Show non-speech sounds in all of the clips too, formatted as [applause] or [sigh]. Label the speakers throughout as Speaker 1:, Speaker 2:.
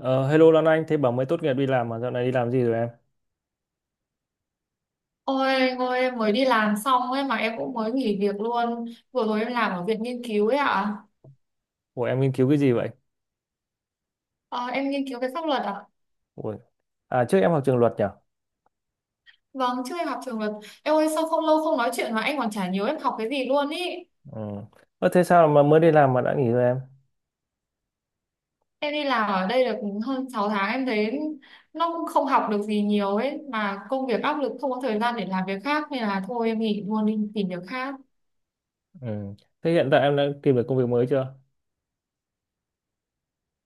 Speaker 1: Ờ, Hello Lan Anh, thế bảo mới tốt nghiệp đi làm mà dạo này đi làm gì rồi em?
Speaker 2: Ôi anh ơi, em mới đi làm xong ấy mà em cũng mới nghỉ việc luôn. Vừa rồi em làm ở viện nghiên cứu ấy ạ.
Speaker 1: Ủa em nghiên cứu cái gì vậy?
Speaker 2: Ờ, Em nghiên cứu về pháp luật ạ.
Speaker 1: Ủa. À trước em học trường luật nhỉ?
Speaker 2: Vâng, trước em học trường luật. Em ơi, sao không lâu không nói chuyện mà anh còn chả nhớ em học cái gì luôn ý.
Speaker 1: Ừ. Ơ, thế sao mà mới đi làm mà đã nghỉ rồi em?
Speaker 2: Em đi làm ở đây được hơn 6 tháng, em thấy nó cũng không học được gì nhiều ấy, mà công việc áp lực, không có thời gian để làm việc khác, nên là thôi em nghỉ luôn đi tìm việc khác.
Speaker 1: Ừ. Thế hiện tại em đã tìm được công việc mới chưa?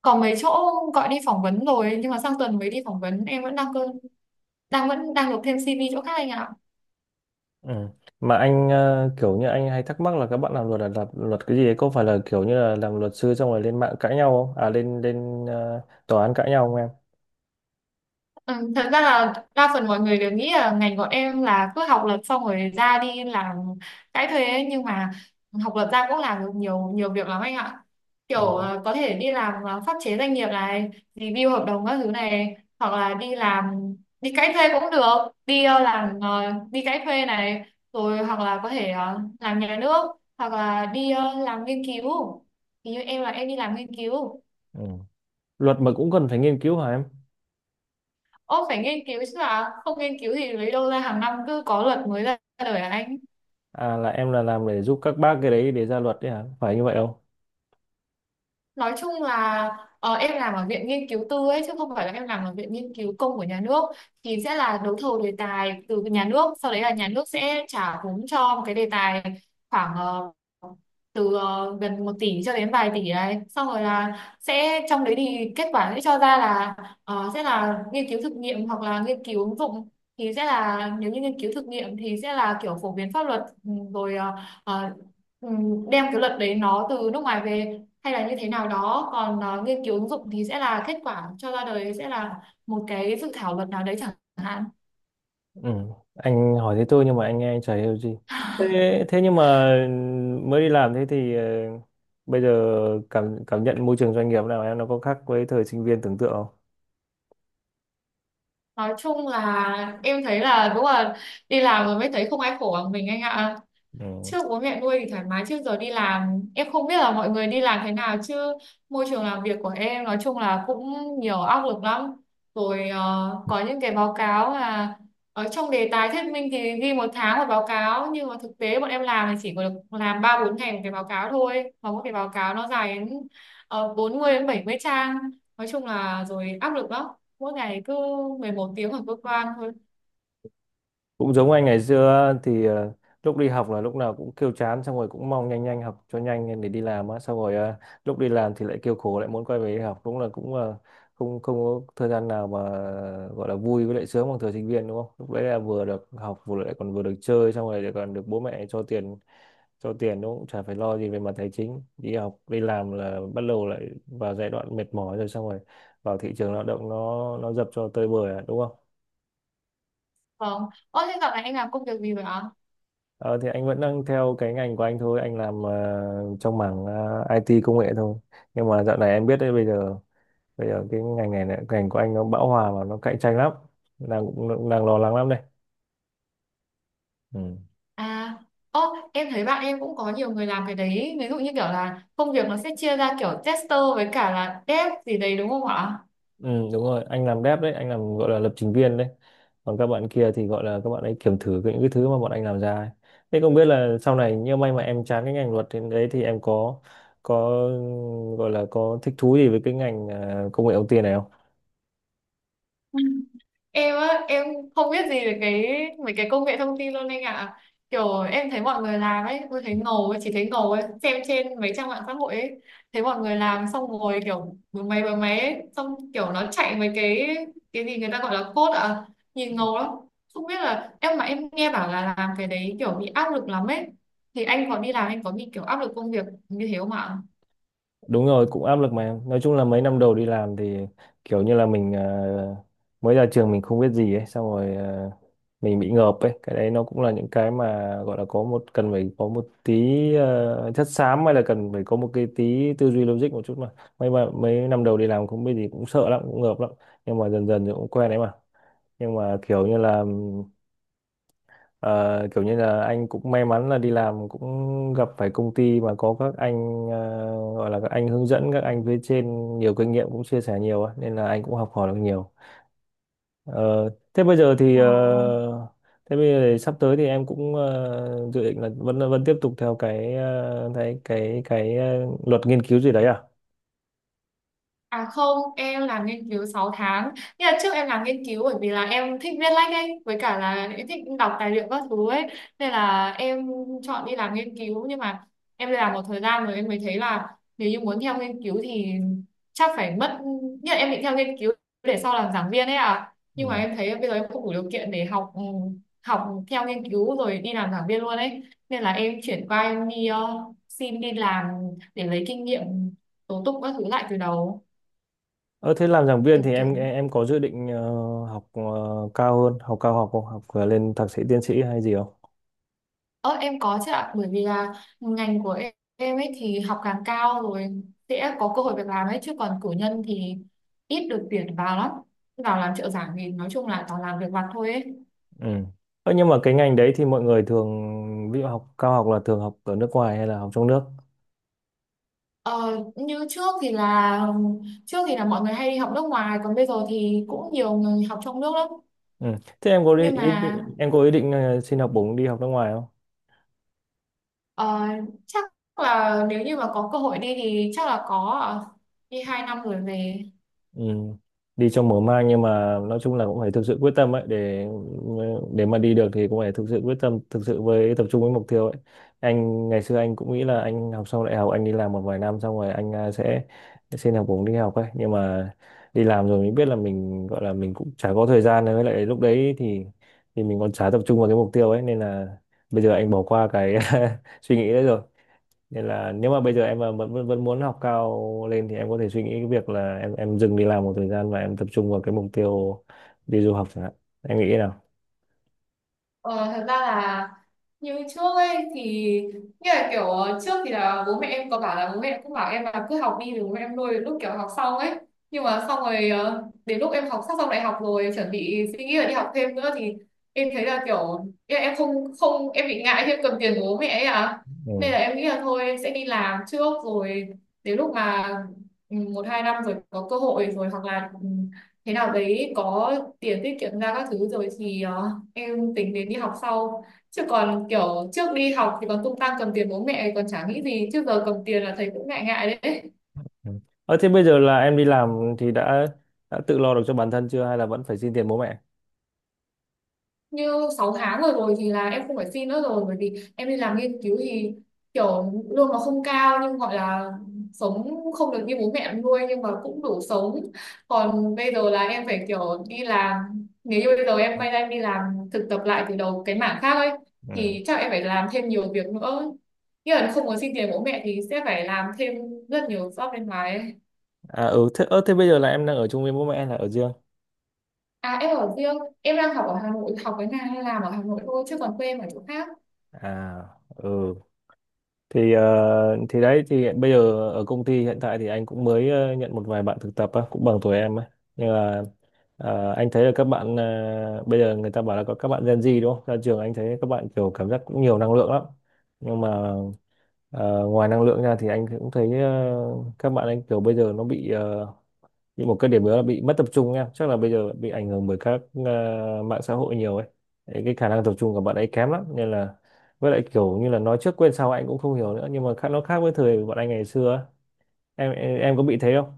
Speaker 2: Còn mấy chỗ gọi đi phỏng vấn rồi, nhưng mà sang tuần mới đi phỏng vấn. Em vẫn đang cơ đang vẫn đang nộp thêm CV chỗ khác anh ạ.
Speaker 1: Ừ. Mà anh kiểu như anh hay thắc mắc là các bạn làm luật là làm luật cái gì ấy? Có phải là kiểu như là làm luật sư xong rồi lên mạng cãi nhau không? À lên lên tòa án cãi nhau không em?
Speaker 2: Ừ, thật ra là đa phần mọi người đều nghĩ là ngành bọn em là cứ học luật xong rồi ra đi làm cái thuê ấy. Nhưng mà học luật ra cũng làm được nhiều nhiều việc lắm anh ạ,
Speaker 1: Ừ.
Speaker 2: kiểu có thể đi làm pháp chế doanh nghiệp này, review hợp đồng các thứ này, hoặc là đi làm, đi cãi thuê cũng được, đi ờ, làm ờ, đi cãi thuê này, rồi hoặc là có thể làm nhà nước, hoặc là đi làm nghiên cứu, thì như em là em đi làm nghiên cứu.
Speaker 1: Ừ. Luật mà cũng cần phải nghiên cứu hả em?
Speaker 2: Ô, phải nghiên cứu chứ, là không nghiên cứu thì lấy đâu ra hàng năm cứ có luật mới ra đời hả anh?
Speaker 1: À là em là làm để giúp các bác cái đấy để ra luật đấy hả? Phải như vậy không?
Speaker 2: Nói chung là, em làm ở viện nghiên cứu tư ấy chứ không phải là em làm ở viện nghiên cứu công của nhà nước, thì sẽ là đấu thầu đề tài từ nhà nước, sau đấy là nhà nước sẽ trả vốn cho một cái đề tài khoảng từ gần 1 tỷ cho đến vài tỷ đấy, xong rồi là sẽ, trong đấy thì kết quả sẽ cho ra là sẽ là nghiên cứu thực nghiệm hoặc là nghiên cứu ứng dụng. Thì sẽ là nếu như nghiên cứu thực nghiệm thì sẽ là kiểu phổ biến pháp luật, ừ, rồi ờ, ờ, ừ, đem cái luật đấy nó từ nước ngoài về hay là như thế nào đó. Còn nghiên cứu ứng dụng thì sẽ là kết quả cho ra đời sẽ là một cái dự thảo luật nào đấy chẳng hạn.
Speaker 1: Ừ. Anh hỏi thế tôi nhưng mà anh nghe anh chả hiểu gì. Thế,
Speaker 2: [laughs]
Speaker 1: thế nhưng mà mới đi làm thế thì bây giờ cảm cảm nhận môi trường doanh nghiệp nào em nó có khác với thời sinh viên tưởng tượng không?
Speaker 2: Nói chung là em thấy là đúng là đi làm rồi mới thấy không ai khổ bằng mình anh ạ.
Speaker 1: Ừ.
Speaker 2: Trước bố mẹ nuôi thì thoải mái, trước giờ đi làm em không biết là mọi người đi làm thế nào chứ môi trường làm việc của em nói chung là cũng nhiều áp lực lắm. Rồi có những cái báo cáo là ở trong đề tài thuyết minh thì ghi một tháng một báo cáo, nhưng mà thực tế bọn em làm thì chỉ có được làm ba bốn ngày một cái báo cáo thôi, và mỗi cái báo cáo nó dài đến 40 đến 70 trang. Nói chung là rồi áp lực lắm, mỗi ngày cứ 11 tiếng ở cơ quan thôi.
Speaker 1: Cũng giống anh ngày xưa thì lúc đi học là lúc nào cũng kêu chán xong rồi cũng mong nhanh nhanh học cho nhanh để đi làm á, xong rồi lúc đi làm thì lại kêu khổ, lại muốn quay về đi học, đúng là cũng không không có thời gian nào mà gọi là vui với lại sướng bằng thời sinh viên đúng không, lúc đấy là vừa được học vừa lại còn vừa được chơi xong rồi lại còn được bố mẹ cho tiền cho tiền, nó cũng chả phải lo gì về mặt tài chính. Đi học đi làm là bắt đầu lại vào giai đoạn mệt mỏi rồi, xong rồi vào thị trường lao động nó dập cho tơi bời à, đúng không?
Speaker 2: Vâng. Ơ thế dạo này anh làm công việc gì vậy ạ?
Speaker 1: Ờ, thì anh vẫn đang theo cái ngành của anh thôi, anh làm trong mảng IT công nghệ thôi, nhưng mà dạo này em biết đấy, bây giờ cái ngành này này, ngành của anh nó bão hòa và nó cạnh tranh lắm, đang cũng đang lo lắng lắm đây. Ừ.
Speaker 2: À, ô, em thấy bạn em cũng có nhiều người làm cái đấy. Ví dụ như kiểu là công việc nó sẽ chia ra kiểu tester với cả là dev gì đấy đúng không ạ?
Speaker 1: Ừ, đúng rồi, anh làm dev đấy, anh làm gọi là lập trình viên đấy. Còn các bạn kia thì gọi là các bạn ấy kiểm thử những cái thứ mà bọn anh làm ra ấy. Thế không biết là sau này nếu may mà em chán cái ngành luật thì đấy thì em có gọi là có thích thú gì với cái ngành à, công nghệ thông tin này?
Speaker 2: Em á em không biết gì về cái mấy cái công nghệ thông tin luôn anh ạ. Kiểu em thấy mọi người làm ấy, tôi thấy ngầu ấy, chỉ thấy ngầu ấy, xem trên mấy trang mạng xã hội ấy, thấy mọi người làm xong rồi kiểu bấm máy ấy, xong kiểu nó chạy mấy cái gì người ta gọi là code à, nhìn ngầu lắm. Không biết là em, mà em nghe bảo là làm cái đấy kiểu bị áp lực lắm ấy, thì anh có đi làm anh có bị kiểu áp lực công việc như thế không ạ?
Speaker 1: Đúng rồi, cũng áp lực mà. Nói chung là mấy năm đầu đi làm thì kiểu như là mình mới ra trường mình không biết gì ấy, xong rồi mình bị ngợp ấy. Cái đấy nó cũng là những cái mà gọi là có một cần phải có một tí chất xám, hay là cần phải có một cái tí tư duy logic một chút mà. Mấy năm đầu đi làm không biết gì cũng sợ lắm, cũng ngợp lắm. Nhưng mà dần dần thì cũng quen đấy mà. Nhưng mà kiểu như là Ờ, kiểu như là anh cũng may mắn là đi làm cũng gặp phải công ty mà có các anh gọi là các anh hướng dẫn, các anh phía trên nhiều kinh nghiệm cũng chia sẻ nhiều á, nên là anh cũng học hỏi được nhiều. Ờ, thế bây giờ thì
Speaker 2: Ờ.
Speaker 1: thế bây giờ thì sắp tới thì em cũng dự định là vẫn vẫn tiếp tục theo cái cái luật nghiên cứu gì đấy à?
Speaker 2: À không, em làm nghiên cứu 6 tháng. Nhưng là trước em làm nghiên cứu bởi vì là em thích viết lách ấy, với cả là em thích đọc tài liệu các thứ ấy. Nên là em chọn đi làm nghiên cứu. Nhưng mà em làm một thời gian rồi em mới thấy là nếu như muốn theo nghiên cứu thì chắc phải mất... Như là em định theo nghiên cứu để sau làm giảng viên ấy à. Nhưng mà
Speaker 1: Ừ.
Speaker 2: em thấy bây giờ em không đủ điều kiện để học theo nghiên cứu rồi đi làm giảng viên luôn ấy. Nên là em chuyển qua, em đi xin đi làm để lấy kinh nghiệm tố tụng các thứ lại từ đầu,
Speaker 1: Ờ, thế làm giảng viên
Speaker 2: kiểu
Speaker 1: thì
Speaker 2: kiểu
Speaker 1: em có dự định học cao hơn, học cao học không? Học lên thạc sĩ tiến sĩ hay gì không?
Speaker 2: Ờ em có chứ ạ, bởi vì là ngành của em ấy, thì học càng cao rồi sẽ có cơ hội việc làm ấy, chứ còn cử nhân thì ít được tuyển vào lắm, vào làm trợ giảng thì nói chung là toàn làm việc vặt thôi ấy.
Speaker 1: Ừ. Ơ, nhưng mà cái ngành đấy thì mọi người thường ví dụ học cao học là thường học ở nước ngoài hay là học trong nước?
Speaker 2: Ờ, Như trước thì là, trước thì là mọi người hay đi học nước ngoài, còn bây giờ thì cũng nhiều người học trong nước lắm.
Speaker 1: Ừ. Thế em có đi,
Speaker 2: Nhưng
Speaker 1: ý,
Speaker 2: mà
Speaker 1: em có ý định xin học bổng đi học nước ngoài.
Speaker 2: ờ, chắc là nếu như mà có cơ hội đi thì chắc là có ạ. Đi 2 năm rồi về.
Speaker 1: Ừ. Đi trong mở mang nhưng mà nói chung là cũng phải thực sự quyết tâm ấy, để mà đi được thì cũng phải thực sự quyết tâm, thực sự với tập trung với mục tiêu ấy. Anh ngày xưa anh cũng nghĩ là anh học xong đại học anh đi làm một vài năm xong rồi anh à, sẽ xin học bổng đi học ấy, nhưng mà đi làm rồi mình biết là mình gọi là mình cũng chả có thời gian nữa. Với lại lúc đấy thì mình còn chả tập trung vào cái mục tiêu ấy, nên là bây giờ anh bỏ qua cái [laughs] suy nghĩ đấy rồi, nên là nếu mà bây giờ em mà vẫn vẫn vẫn muốn học cao lên thì em có thể suy nghĩ cái việc là em dừng đi làm một thời gian và em tập trung vào cái mục tiêu đi du học chẳng hạn. Em nghĩ thế nào?
Speaker 2: Ờ, thật ra là như trước ấy thì, như là kiểu trước thì là bố mẹ em có bảo là bố mẹ em cũng bảo em là cứ học đi rồi bố mẹ em nuôi đến lúc kiểu học xong ấy, nhưng mà xong rồi đến lúc em học sắp xong đại học rồi chuẩn bị suy nghĩ là đi học thêm nữa thì em thấy là kiểu ý là em không không em bị ngại khi em cầm tiền của bố mẹ ấy à. Nên
Speaker 1: Ừ.
Speaker 2: là em nghĩ là thôi em sẽ đi làm trước, rồi đến lúc mà, 1, 2 năm rồi có cơ hội rồi, hoặc là thế nào đấy có tiền tiết kiệm ra các thứ rồi thì em tính đến đi học sau. Chứ còn kiểu trước đi học thì còn tung tăng cầm tiền bố mẹ còn chả nghĩ gì, chứ giờ cầm tiền là thấy cũng ngại ngại đấy.
Speaker 1: Ừ. Ờ, thế bây giờ là em đi làm thì đã tự lo được cho bản thân chưa hay là vẫn phải xin tiền bố mẹ?
Speaker 2: Như 6 tháng rồi rồi thì là em không phải xin nữa rồi, bởi vì em đi làm nghiên cứu thì kiểu lương nó không cao, nhưng gọi là sống, không được như bố mẹ em nuôi nhưng mà cũng đủ sống. Còn bây giờ là em phải kiểu đi làm, nếu như bây giờ em quay ra em đi làm thực tập lại từ đầu cái mảng khác ấy
Speaker 1: Ừ.
Speaker 2: thì chắc em phải làm thêm nhiều việc nữa, nghĩa là không muốn xin tiền bố mẹ thì sẽ phải làm thêm rất nhiều job bên ngoài ấy.
Speaker 1: À ừ thế, thế bây giờ là em đang ở chung với bố mẹ hay là ở riêng?
Speaker 2: À, em ở riêng. Em đang học ở Hà Nội, học cái này hay làm ở Hà Nội thôi, chứ còn quê em ở chỗ khác.
Speaker 1: À ừ thì thì đấy thì hiện bây giờ ở công ty hiện tại thì anh cũng mới nhận một vài bạn thực tập á, cũng bằng tuổi em á, nhưng mà anh thấy là các bạn bây giờ người ta bảo là có các bạn Gen Z đúng không, ra trường anh thấy các bạn kiểu cảm giác cũng nhiều năng lượng lắm, nhưng mà ngoài năng lượng ra thì anh cũng thấy các bạn anh kiểu bây giờ nó bị nhưng một cái điểm nữa là bị mất tập trung, em chắc là bây giờ bị ảnh hưởng bởi các mạng xã hội nhiều ấy. Đấy, cái khả năng tập trung của bạn ấy kém lắm, nên là với lại kiểu như là nói trước quên sau anh cũng không hiểu nữa, nhưng mà khác nó khác với thời bọn anh ngày xưa á. Em có bị thế không?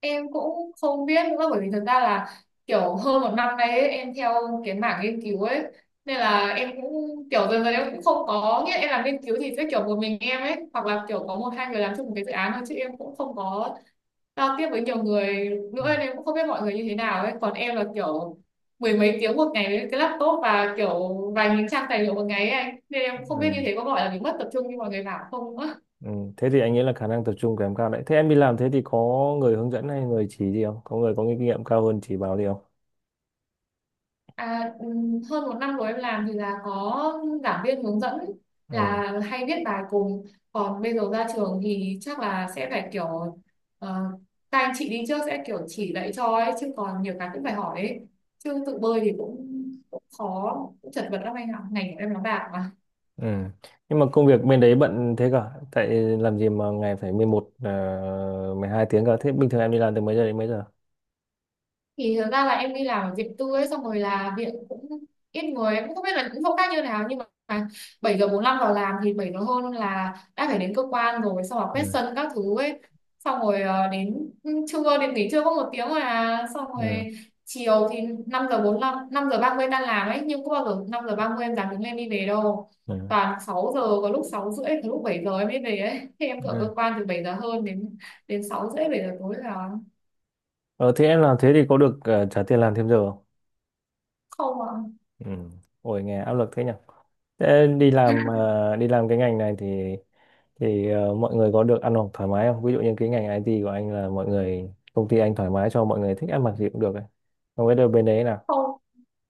Speaker 2: Em cũng không biết nữa, bởi vì thực ra là kiểu hơn 1 năm nay ấy, em theo cái mảng nghiên cứu ấy nên là em cũng kiểu dần dần em cũng không có, nghĩa là em làm nghiên cứu thì sẽ kiểu một mình em ấy, hoặc là kiểu có một hai người làm chung một cái dự án thôi, chứ em cũng không có giao tiếp với nhiều người nữa, nên em cũng không biết mọi người như thế nào ấy. Còn em là kiểu mười mấy tiếng một ngày với cái laptop và kiểu vài nghìn trang tài liệu một ngày ấy anh, nên em cũng không
Speaker 1: Ừ.
Speaker 2: biết như thế có gọi là mình mất tập trung như mọi người bảo không nữa.
Speaker 1: Ừ. Thế thì anh nghĩ là khả năng tập trung kém cao đấy. Thế em đi làm thế thì có người hướng dẫn hay người chỉ gì không, có người có kinh nghiệm cao hơn chỉ bảo gì không?
Speaker 2: À, hơn 1 năm rồi em làm thì là có giảng viên hướng dẫn
Speaker 1: Ừ.
Speaker 2: là hay viết bài cùng. Còn bây giờ ra trường thì chắc là sẽ phải kiểu uh, các anh chị đi trước sẽ kiểu chỉ dạy cho ấy, chứ còn nhiều cái cũng phải hỏi ấy, chứ tự bơi thì cũng khó, cũng chật vật lắm anh ạ, ngành của em nó bạc.
Speaker 1: Ừ. Nhưng mà công việc bên đấy bận thế cả. Tại làm gì mà ngày phải 11 12 tiếng cả. Thế bình thường em đi làm từ mấy giờ đến mấy giờ?
Speaker 2: Thì thực ra là em đi làm ở viện tư ấy, xong rồi là viện cũng ít người, em cũng không biết là những chỗ khác như nào, nhưng mà bảy giờ 45 vào làm thì 7 giờ hơn là đã phải đến cơ quan rồi, xong rồi quét
Speaker 1: Ừ,
Speaker 2: sân các thứ ấy, xong rồi đến trưa, đến nghỉ trưa có 1 tiếng rồi à, xong
Speaker 1: ừ,
Speaker 2: rồi chiều thì năm giờ 45, 5:30 tan làm ấy, nhưng có bao giờ 5:30 em dám đứng lên đi về đâu,
Speaker 1: ừ,
Speaker 2: toàn 6 giờ, có lúc 6 rưỡi, có lúc 7 giờ em mới về ấy. Thì em ở
Speaker 1: ừ.
Speaker 2: cơ quan từ 7 giờ hơn đến đến 6 rưỡi, 7 giờ tối là.
Speaker 1: Ờ, thế em làm thế thì có được trả tiền làm thêm giờ không?
Speaker 2: Không ạ.
Speaker 1: Ừ. Ôi nghe áp lực thế nhỉ. Thế đi làm đi làm cái ngành này thì mọi người có được ăn học thoải mái không? Ví dụ như cái ngành IT của anh là mọi người công ty anh thoải mái cho mọi người thích ăn mặc gì cũng được ấy. Không biết đâu bên đấy nào.
Speaker 2: Không,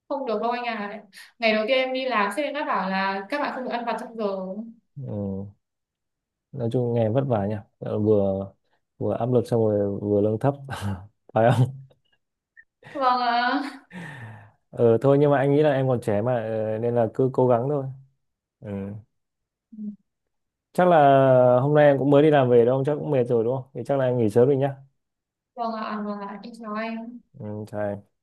Speaker 2: không được đâu anh à, ngày đầu tiên em đi làm sếp em đã bảo là các bạn không được ăn vặt trong giờ.
Speaker 1: Ừ. Nói chung nghe vất vả nhỉ. Ờ, Vừa vừa áp lực xong rồi vừa lương thấp. [laughs] Phải không?
Speaker 2: Vâng ạ,
Speaker 1: Ờ thôi nhưng mà anh nghĩ là em còn trẻ mà nên là cứ cố gắng thôi. Ừ. Chắc là hôm nay em cũng mới đi làm về đâu, chắc cũng mệt rồi đúng không, thì chắc là em nghỉ sớm đi nhá.
Speaker 2: vâng ạ, vâng ạ, em chào anh.
Speaker 1: Ừ, chào em.